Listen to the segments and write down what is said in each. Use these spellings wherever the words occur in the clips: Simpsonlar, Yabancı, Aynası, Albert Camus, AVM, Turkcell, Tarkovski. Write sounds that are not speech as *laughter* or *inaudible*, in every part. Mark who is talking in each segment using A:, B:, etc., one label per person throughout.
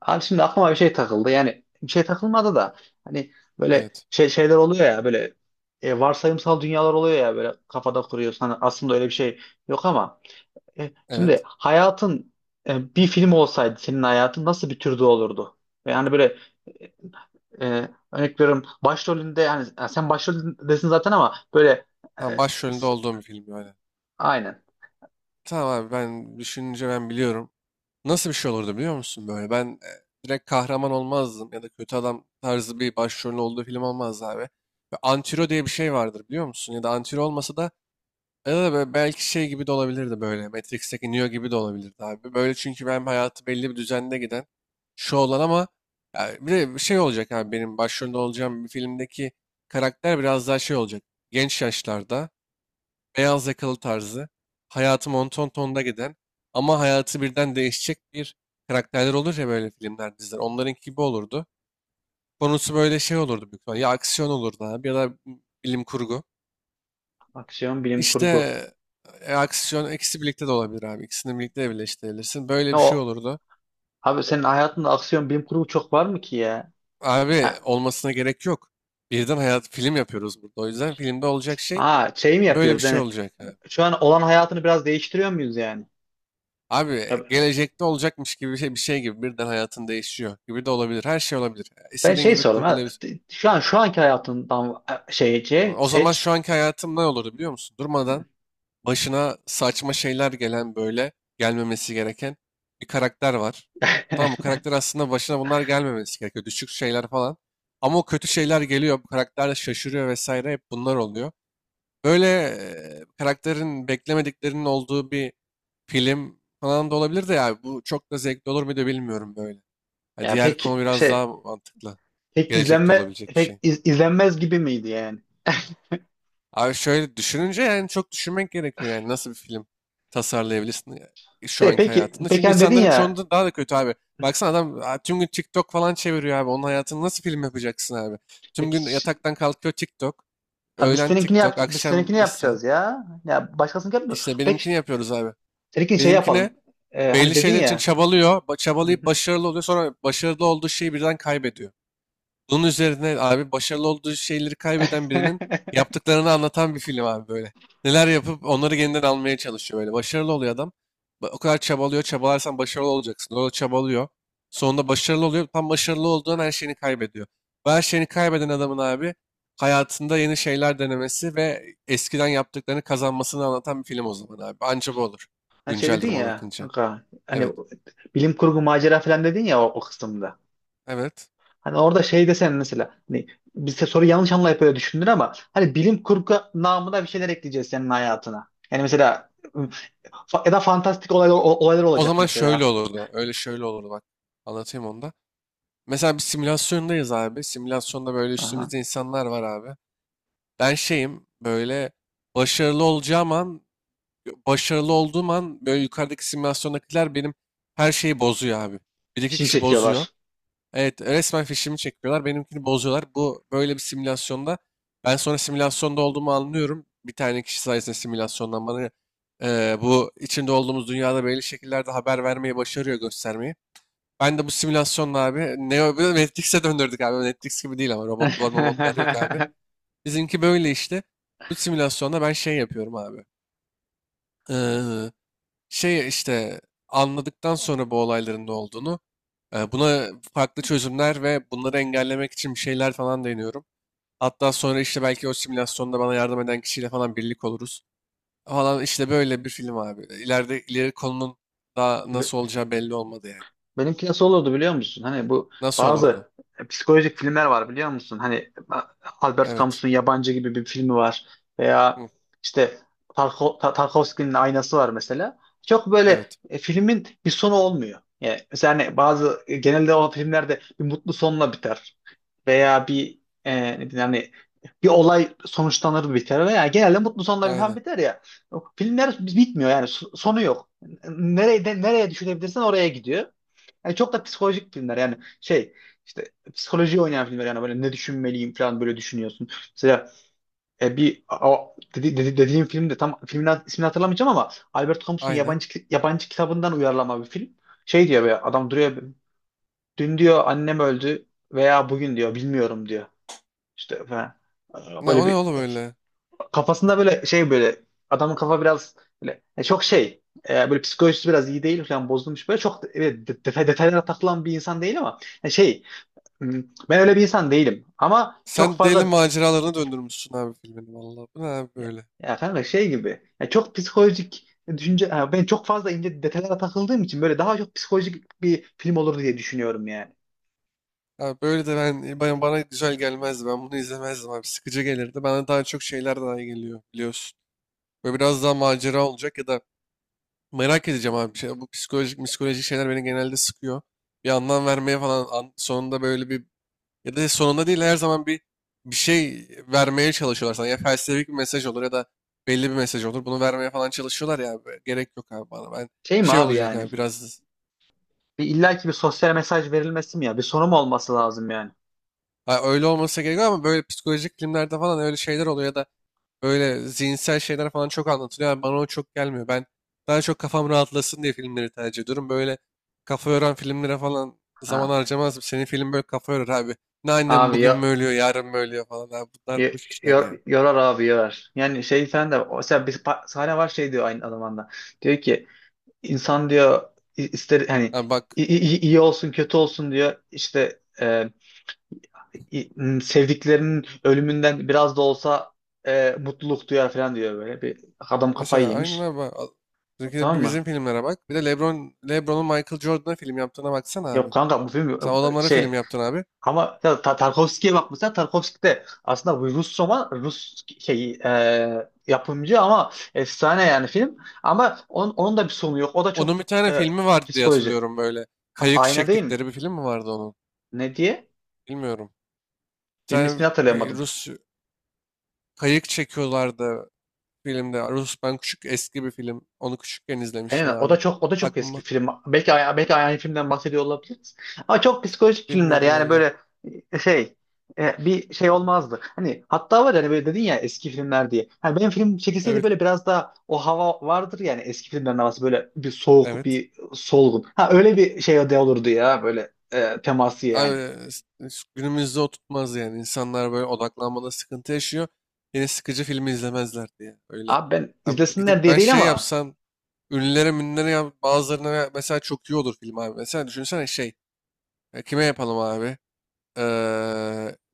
A: Abi şimdi aklıma bir şey takıldı. Yani bir şey takılmadı da hani böyle
B: Evet.
A: şeyler oluyor ya böyle, varsayımsal dünyalar oluyor ya, böyle kafada kuruyorsun. Hani aslında öyle bir şey yok ama şimdi
B: Evet.
A: hayatın bir film olsaydı senin hayatın nasıl bir türde olurdu? Yani böyle, e, örnek veriyorum başrolünde, yani sen başroldesin zaten, ama böyle
B: Tamam,
A: e,
B: başrolünde
A: s-
B: olduğum bir film böyle.
A: aynen,
B: Tamam abi ben düşününce ben biliyorum. Nasıl bir şey olurdu biliyor musun böyle? Ben direkt kahraman olmazdım ya da kötü adam tarzı bir başrolün olduğu film olmazdı abi. Ve antiro diye bir şey vardır biliyor musun? Ya da antiro olmasa da ya da böyle belki şey gibi de olabilirdi böyle. Matrix'teki Neo gibi de olabilirdi abi. Böyle çünkü ben hayatı belli bir düzende giden şu olan ama ya bir de bir şey olacak abi benim başrolünde olacağım bir filmdeki karakter biraz daha şey olacak. Genç yaşlarda beyaz yakalı tarzı, hayatı monton tonda giden ama hayatı birden değişecek bir karakterler olur ya böyle filmler, diziler. Onların gibi olurdu. Konusu böyle şey olurdu büyük ihtimalle. Ya aksiyon olurdu abi ya da bilim kurgu.
A: aksiyon bilim
B: İşte
A: kurgu.
B: aksiyon ikisi birlikte de olabilir abi. İkisini birlikte de birleştirebilirsin. Böyle bir şey
A: O,
B: olurdu.
A: abi senin hayatında aksiyon bilim kurgu çok var mı ki ya?
B: Abi olmasına gerek yok. Birden hayat film yapıyoruz burada. O yüzden filmde olacak şey
A: Ha şey mi
B: böyle bir
A: yapıyoruz
B: şey
A: yani,
B: olacak abi.
A: şu an olan hayatını biraz değiştiriyor muyuz yani?
B: Abi
A: Ya,
B: gelecekte olacakmış gibi bir şey, bir şey gibi birden hayatın değişiyor gibi de olabilir. Her şey olabilir.
A: ben
B: İstediğin
A: şey
B: gibi
A: sordum ha,
B: kurgulayabilirsin.
A: şu an şu anki hayatından şeyce
B: O zaman şu
A: seç.
B: anki hayatım ne olurdu biliyor musun? Durmadan başına saçma şeyler gelen böyle gelmemesi gereken bir karakter var.
A: *laughs*
B: Tamam bu karakter aslında başına bunlar gelmemesi gerekiyor. Düşük şeyler falan. Ama o kötü şeyler geliyor. Bu karakter de şaşırıyor vesaire. Hep bunlar oluyor. Böyle karakterin beklemediklerinin olduğu bir film falan da olabilir de ya bu çok da zevkli olur muydu bilmiyorum böyle. Ha,
A: Ya
B: diğer
A: pek
B: konu biraz
A: şey,
B: daha mantıklı.
A: pek
B: Gelecekte
A: izlenme,
B: olabilecek bir
A: pek
B: şey.
A: izlenmez gibi miydi yani?
B: Abi şöyle düşününce yani çok düşünmek gerekiyor yani nasıl bir film tasarlayabilirsin şu
A: Şey,
B: anki
A: peki
B: hayatında.
A: peki
B: Çünkü
A: hani dedin
B: insanların
A: ya,
B: çoğunda daha da kötü abi. Baksana adam tüm gün TikTok falan çeviriyor abi. Onun hayatını nasıl film yapacaksın abi? Tüm
A: peki
B: gün
A: ş-
B: yataktan kalkıyor TikTok.
A: ha, biz
B: Öğlen
A: seninkini yap,
B: TikTok,
A: biz seninkini
B: akşam İsa.
A: yapacağız ya. Ya başkasını yapmıyor.
B: İşte
A: Peki
B: benimkini yapıyoruz abi.
A: seninkini şey
B: Benimkine
A: yapalım. Hani
B: belli
A: dedin
B: şeyler için
A: ya.
B: çabalıyor.
A: Hı
B: Çabalayıp
A: hı.
B: başarılı oluyor. Sonra başarılı olduğu şeyi birden kaybediyor. Bunun üzerine abi başarılı olduğu şeyleri kaybeden birinin yaptıklarını anlatan bir film abi böyle. Neler yapıp onları yeniden almaya çalışıyor böyle. Başarılı oluyor adam. O kadar çabalıyor. Çabalarsan başarılı olacaksın. O da çabalıyor. Sonunda başarılı oluyor. Tam başarılı olduğun her şeyini kaybediyor. Ve her şeyini kaybeden adamın abi hayatında yeni şeyler denemesi ve eskiden yaptıklarını kazanmasını anlatan bir film o zaman abi. Anca bu olur.
A: *laughs* Hani şey
B: Güncel
A: dedin
B: duruma
A: ya
B: bakınca.
A: kanka, hani
B: Evet.
A: bilim kurgu macera falan dedin ya o, o kısımda.
B: Evet.
A: Hani orada şey desen mesela, hani bize soru yanlış anlayıp öyle düşündür, ama hani bilim kurgu namına bir şeyler ekleyeceğiz senin hayatına. Yani mesela ya da fantastik olaylar, olaylar
B: O
A: olacak
B: zaman şöyle
A: mesela.
B: olurdu. Öyle şöyle olurdu bak. Anlatayım onu da. Mesela bir simülasyondayız abi. Simülasyonda böyle
A: Aha.
B: üstümüzde insanlar var abi. Ben şeyim böyle başarılı olacağım an, başarılı olduğum an böyle yukarıdaki simülasyondakiler benim her şeyi bozuyor abi. Bir iki
A: Şimdi
B: kişi bozuyor.
A: çekiyorlar.
B: Evet resmen fişimi çekiyorlar. Benimkini bozuyorlar. Bu böyle bir simülasyonda. Ben sonra simülasyonda olduğumu anlıyorum. Bir tane kişi sayesinde simülasyondan bana bu içinde olduğumuz dünyada belli şekillerde haber vermeyi başarıyor göstermeyi. Ben de bu simülasyonla abi Neo bir de Matrix'e döndürdük abi. Matrix gibi değil ama robotlar yok abi.
A: *laughs*
B: Bizimki böyle işte. Bu simülasyonda ben şey yapıyorum abi. Ee, şey işte anladıktan sonra bu olayların ne olduğunu buna farklı çözümler ve bunları engellemek için bir şeyler falan deniyorum. Hatta sonra işte belki o simülasyonda bana yardım eden kişiyle falan birlik oluruz. Falan işte böyle bir film abi. İleride ileri konunun daha nasıl olacağı belli olmadı yani.
A: Benimki nasıl olurdu biliyor musun? Hani bu
B: Nasıl olurdu?
A: bazı psikolojik filmler var biliyor musun? Hani Albert
B: Evet.
A: Camus'un Yabancı gibi bir filmi var, veya
B: Hı,
A: işte Tarkovski'nin Aynası var mesela. Çok böyle,
B: evet.
A: filmin bir sonu olmuyor. Yani mesela hani bazı genelde o filmlerde bir mutlu sonla biter, veya bir, ne diyeyim, hani bir olay sonuçlanır biter, veya genelde mutlu sonla biten
B: Aynen.
A: biter ya. Filmler bitmiyor yani, sonu yok. Nereye düşürebilirsen oraya gidiyor. Yani çok da psikolojik filmler, yani şey, işte psikoloji oynayan filmler, yani böyle ne düşünmeliyim falan böyle düşünüyorsun. Mesela, bir o, dediğim film de, tam filmin ismini hatırlamayacağım, ama Albert Camus'un
B: Aynen.
A: yabancı yabancı kitabından uyarlama bir film. Şey diyor, be adam, duruyor, dün diyor annem öldü, veya bugün diyor bilmiyorum diyor. İşte falan.
B: Ne,
A: Böyle
B: o ne
A: bir
B: oğlum öyle?
A: kafasında, böyle şey, böyle adamın kafa biraz böyle, çok şey, böyle psikolojisi biraz iyi değil falan, bozulmuş böyle çok, evet, detay, detaylara takılan bir insan değil ama yani şey. Hmm. Ben öyle bir insan değilim. Ama çok
B: Sen deli
A: fazla
B: maceralarına döndürmüşsün abi filmini valla. Bu ne abi
A: ya,
B: böyle?
A: ya kanka şey gibi, ya çok psikolojik düşünce, ha, ben çok fazla ince detaylara takıldığım için böyle daha çok psikolojik bir film olur diye düşünüyorum yani.
B: Abi böyle de ben, bana güzel gelmezdi. Ben bunu izlemezdim abi. Sıkıcı gelirdi. Bana daha çok şeyler daha iyi geliyor biliyorsun. Böyle biraz daha macera olacak ya da merak edeceğim abi. Bir şey, bu psikolojik şeyler beni genelde sıkıyor. Bir anlam vermeye falan sonunda böyle bir, ya da sonunda değil her zaman bir bir şey vermeye çalışıyorlar sana. Ya felsefik bir mesaj olur ya da belli bir mesaj olur. Bunu vermeye falan çalışıyorlar ya abi. Gerek yok abi bana. Ben
A: Şey mi
B: şey
A: abi
B: olacak
A: yani?
B: yani biraz,
A: Bir illaki bir sosyal mesaj verilmesi mi ya? Bir sonu mu olması lazım yani?
B: ha, öyle olmasa gerek yok ama böyle psikolojik filmlerde falan öyle şeyler oluyor ya da böyle zihinsel şeyler falan çok anlatılıyor. Yani bana o çok gelmiyor. Ben daha çok kafam rahatlasın diye filmleri tercih ediyorum. Böyle kafa yoran filmlere falan zaman
A: Ha.
B: harcamazdım. Senin film böyle kafa yorar abi. Ne annem
A: Abi
B: bugün mü
A: ya,
B: ölüyor, yarın mı ölüyor falan. Abi bunlar
A: yo-
B: boş işler ya. Yani,
A: yorar abi, yorar. Yani şey falan da, mesela bir sahne var, şey diyor aynı zamanda. Diyor ki, insan diyor, ister hani,
B: ha bak,
A: iyi olsun kötü olsun diyor işte, sevdiklerinin ölümünden biraz da olsa mutluluk duyar falan diyor böyle. Bir adam kafayı
B: mesela aynen
A: yemiş.
B: abi. Türkiye'de bir
A: Tamam
B: bizim
A: mı?
B: filmlere bak. Bir de LeBron'un Michael Jordan'a film yaptığına baksana abi.
A: Yok kanka, bu
B: Sen
A: film
B: o adamlara film
A: şey,
B: yaptın abi.
A: ama ya, Tarkovski'ye bak mesela, Tarkovski de aslında bu Rus roman, Rus şey, yapımcı, ama efsane yani film, ama onun da bir sonu yok. O da
B: Onun
A: çok
B: bir tane filmi vardı diye
A: psikoloji.
B: hatırlıyorum böyle.
A: Ama
B: Kayık
A: ayna değil mi?
B: çektikleri bir film mi vardı onun?
A: Ne diye?
B: Bilmiyorum. Bir
A: Filmin
B: tane
A: ismini
B: bir
A: hatırlayamadım.
B: Rus kayık çekiyorlardı filmde. Rus ben küçük eski bir film. Onu küçükken izlemiştim
A: Aynen, o
B: abi.
A: da çok, o da çok eski
B: Aklıma.
A: film. Belki aynı filmden bahsediyor olabiliriz. Ama çok psikolojik filmler,
B: Bilmiyorum
A: yani
B: valla.
A: böyle, e, şey bir şey olmazdı. Hani hatta var yani, böyle dedin ya eski filmler diye. Hani benim film çekilseydi,
B: Evet.
A: böyle biraz daha o hava vardır yani, eski filmlerin havası, böyle bir soğuk,
B: Evet.
A: bir solgun. Ha öyle bir şey de olurdu ya, böyle teması
B: Abi,
A: yani.
B: günümüzde o tutmaz yani. İnsanlar böyle odaklanmada sıkıntı yaşıyor. Yeni sıkıcı filmi izlemezler diye. Öyle.
A: Abi ben
B: Abi,
A: izlesinler
B: gidip
A: diye
B: ben
A: değil
B: şey
A: ama.
B: yapsam ünlülere münlere yap, bazılarına mesela çok iyi olur film abi. Mesela düşünsene şey. Kime yapalım abi? Ee,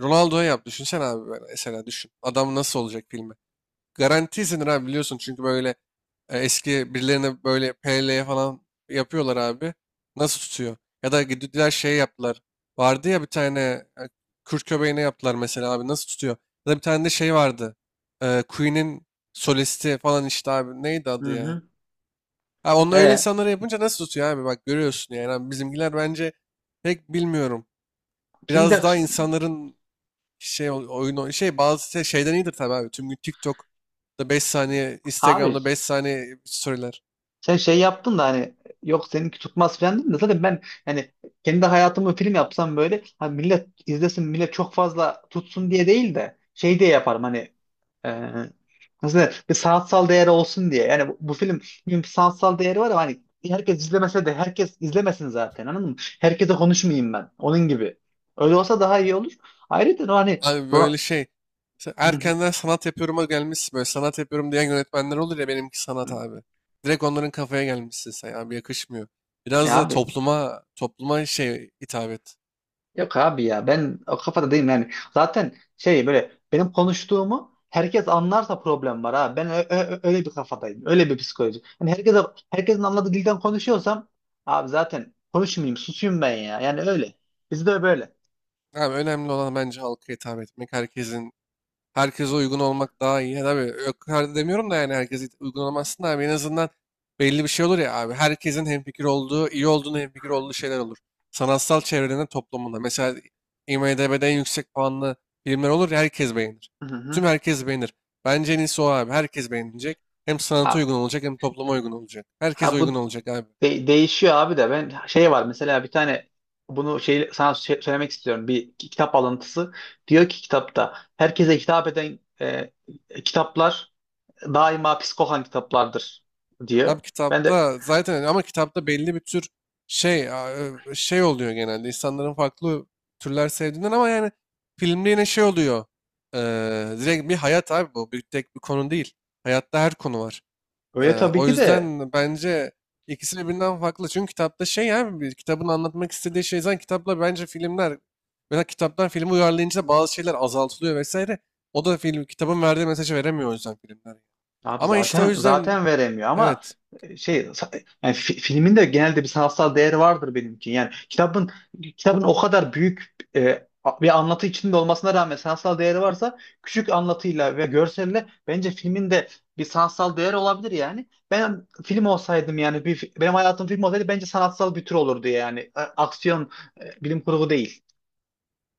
B: Ronaldo'ya yap. Düşünsene abi böyle. Mesela düşün. Adam nasıl olacak filmi? Garanti, Garantisin abi biliyorsun çünkü böyle eski birilerine böyle PL falan yapıyorlar abi. Nasıl tutuyor? Ya da gittiler şey yaptılar. Vardı ya bir tane Kürt köpeğine yaptılar mesela abi nasıl tutuyor? Ya da bir tane de şey vardı. Queen'in solisti falan işte abi neydi
A: Hı
B: adı ya?
A: hı.
B: Ha, onu öyle
A: E,
B: insanlara yapınca nasıl tutuyor abi bak görüyorsun yani. Abi bizimkiler bence pek bilmiyorum.
A: bizim bir
B: Biraz
A: de
B: daha
A: tut-
B: insanların şey oyun şey bazı şeyden iyidir tabii abi. Tüm gün TikTok'ta 5 saniye,
A: abi
B: Instagram'da 5 saniye storyler.
A: Sen şey yaptın da, hani yok seninki tutmaz falan dedin de, zaten ben yani kendi hayatımı film yapsam, böyle hani millet izlesin, millet çok fazla tutsun diye değil de, şey diye yaparım, hani, e, nasıl denir, bir sanatsal değeri olsun diye. Yani bu film bir sanatsal değeri var, ama hani herkes izlemese de, herkes izlemesin zaten, anladın mı? Herkese konuşmayayım ben onun gibi. Öyle olsa daha iyi olur. Ayrıca o hani
B: Abi
A: Ro-
B: böyle şey. Sen erkenden sanat yapıyorum'a gelmişsin. Böyle sanat yapıyorum diyen yönetmenler olur ya, benimki sanat
A: *laughs*
B: abi. Direkt onların kafaya gelmişsin sen abi, yakışmıyor. Biraz
A: ya
B: da
A: abi,
B: topluma şey hitap et.
A: yok abi ya, ben o kafada değilim yani. Zaten şey, böyle benim konuştuğumu herkes anlarsa problem var ha. Ben öyle bir kafadayım. Öyle bir psikoloji. Yani herkesin anladığı dilden konuşuyorsam abi zaten konuşmayayım, susayım ben ya. Yani öyle. Bizde böyle.
B: Abi önemli olan bence halka hitap etmek. Herkesin herkese uygun olmak daha iyi. Yani abi yok her demiyorum da yani herkese uygun olamazsın da abi en azından belli bir şey olur ya abi. Herkesin hemfikir olduğu, iyi olduğunu hemfikir olduğu şeyler olur. Sanatsal çevrenin toplumunda. Mesela IMDb'de en yüksek puanlı filmler olur ya herkes beğenir.
A: Hı
B: Tüm
A: hı.
B: herkes beğenir. Bence en iyisi o abi. Herkes beğenecek. Hem sanata uygun
A: Abi
B: olacak hem topluma uygun olacak. Herkes
A: ha
B: uygun
A: bu
B: olacak abi.
A: değişiyor abi, de ben şey var mesela, bir tane bunu şey sana söylemek istiyorum. Bir kitap alıntısı. Diyor ki kitapta, herkese hitap eden kitaplar daima psikohan kitaplardır,
B: Abi
A: diyor. Ben de
B: kitapta zaten ama kitapta belli bir tür şey a- şey oluyor genelde insanların farklı türler sevdiğinden ama yani filmde yine şey oluyor. Ee, direkt bir hayat abi bu. Bir tek bir konu değil. Hayatta her konu var.
A: öyle tabii
B: O
A: ki de,
B: yüzden bence ikisi birbirinden farklı. Çünkü kitapta şey abi bir kitabın anlatmak istediği şey zaten kitapla bence filmler, mesela kitaptan filmi uyarlayınca bazı şeyler azaltılıyor vesaire. O da film kitabın verdiği mesajı veremiyor o yüzden filmler.
A: abi
B: Ama işte o yüzden
A: zaten veremiyor, ama
B: evet
A: yani filmin de genelde bir sanatsal değeri vardır, benimki. Yani kitabın o kadar büyük bir anlatı içinde olmasına rağmen sanatsal değeri varsa, küçük anlatıyla ve görselle bence filmin de bir sanatsal değeri olabilir yani. Ben film olsaydım yani, bir, benim hayatım film olsaydı bence sanatsal bir tür olurdu yani. Aksiyon, bilim kurgu değil.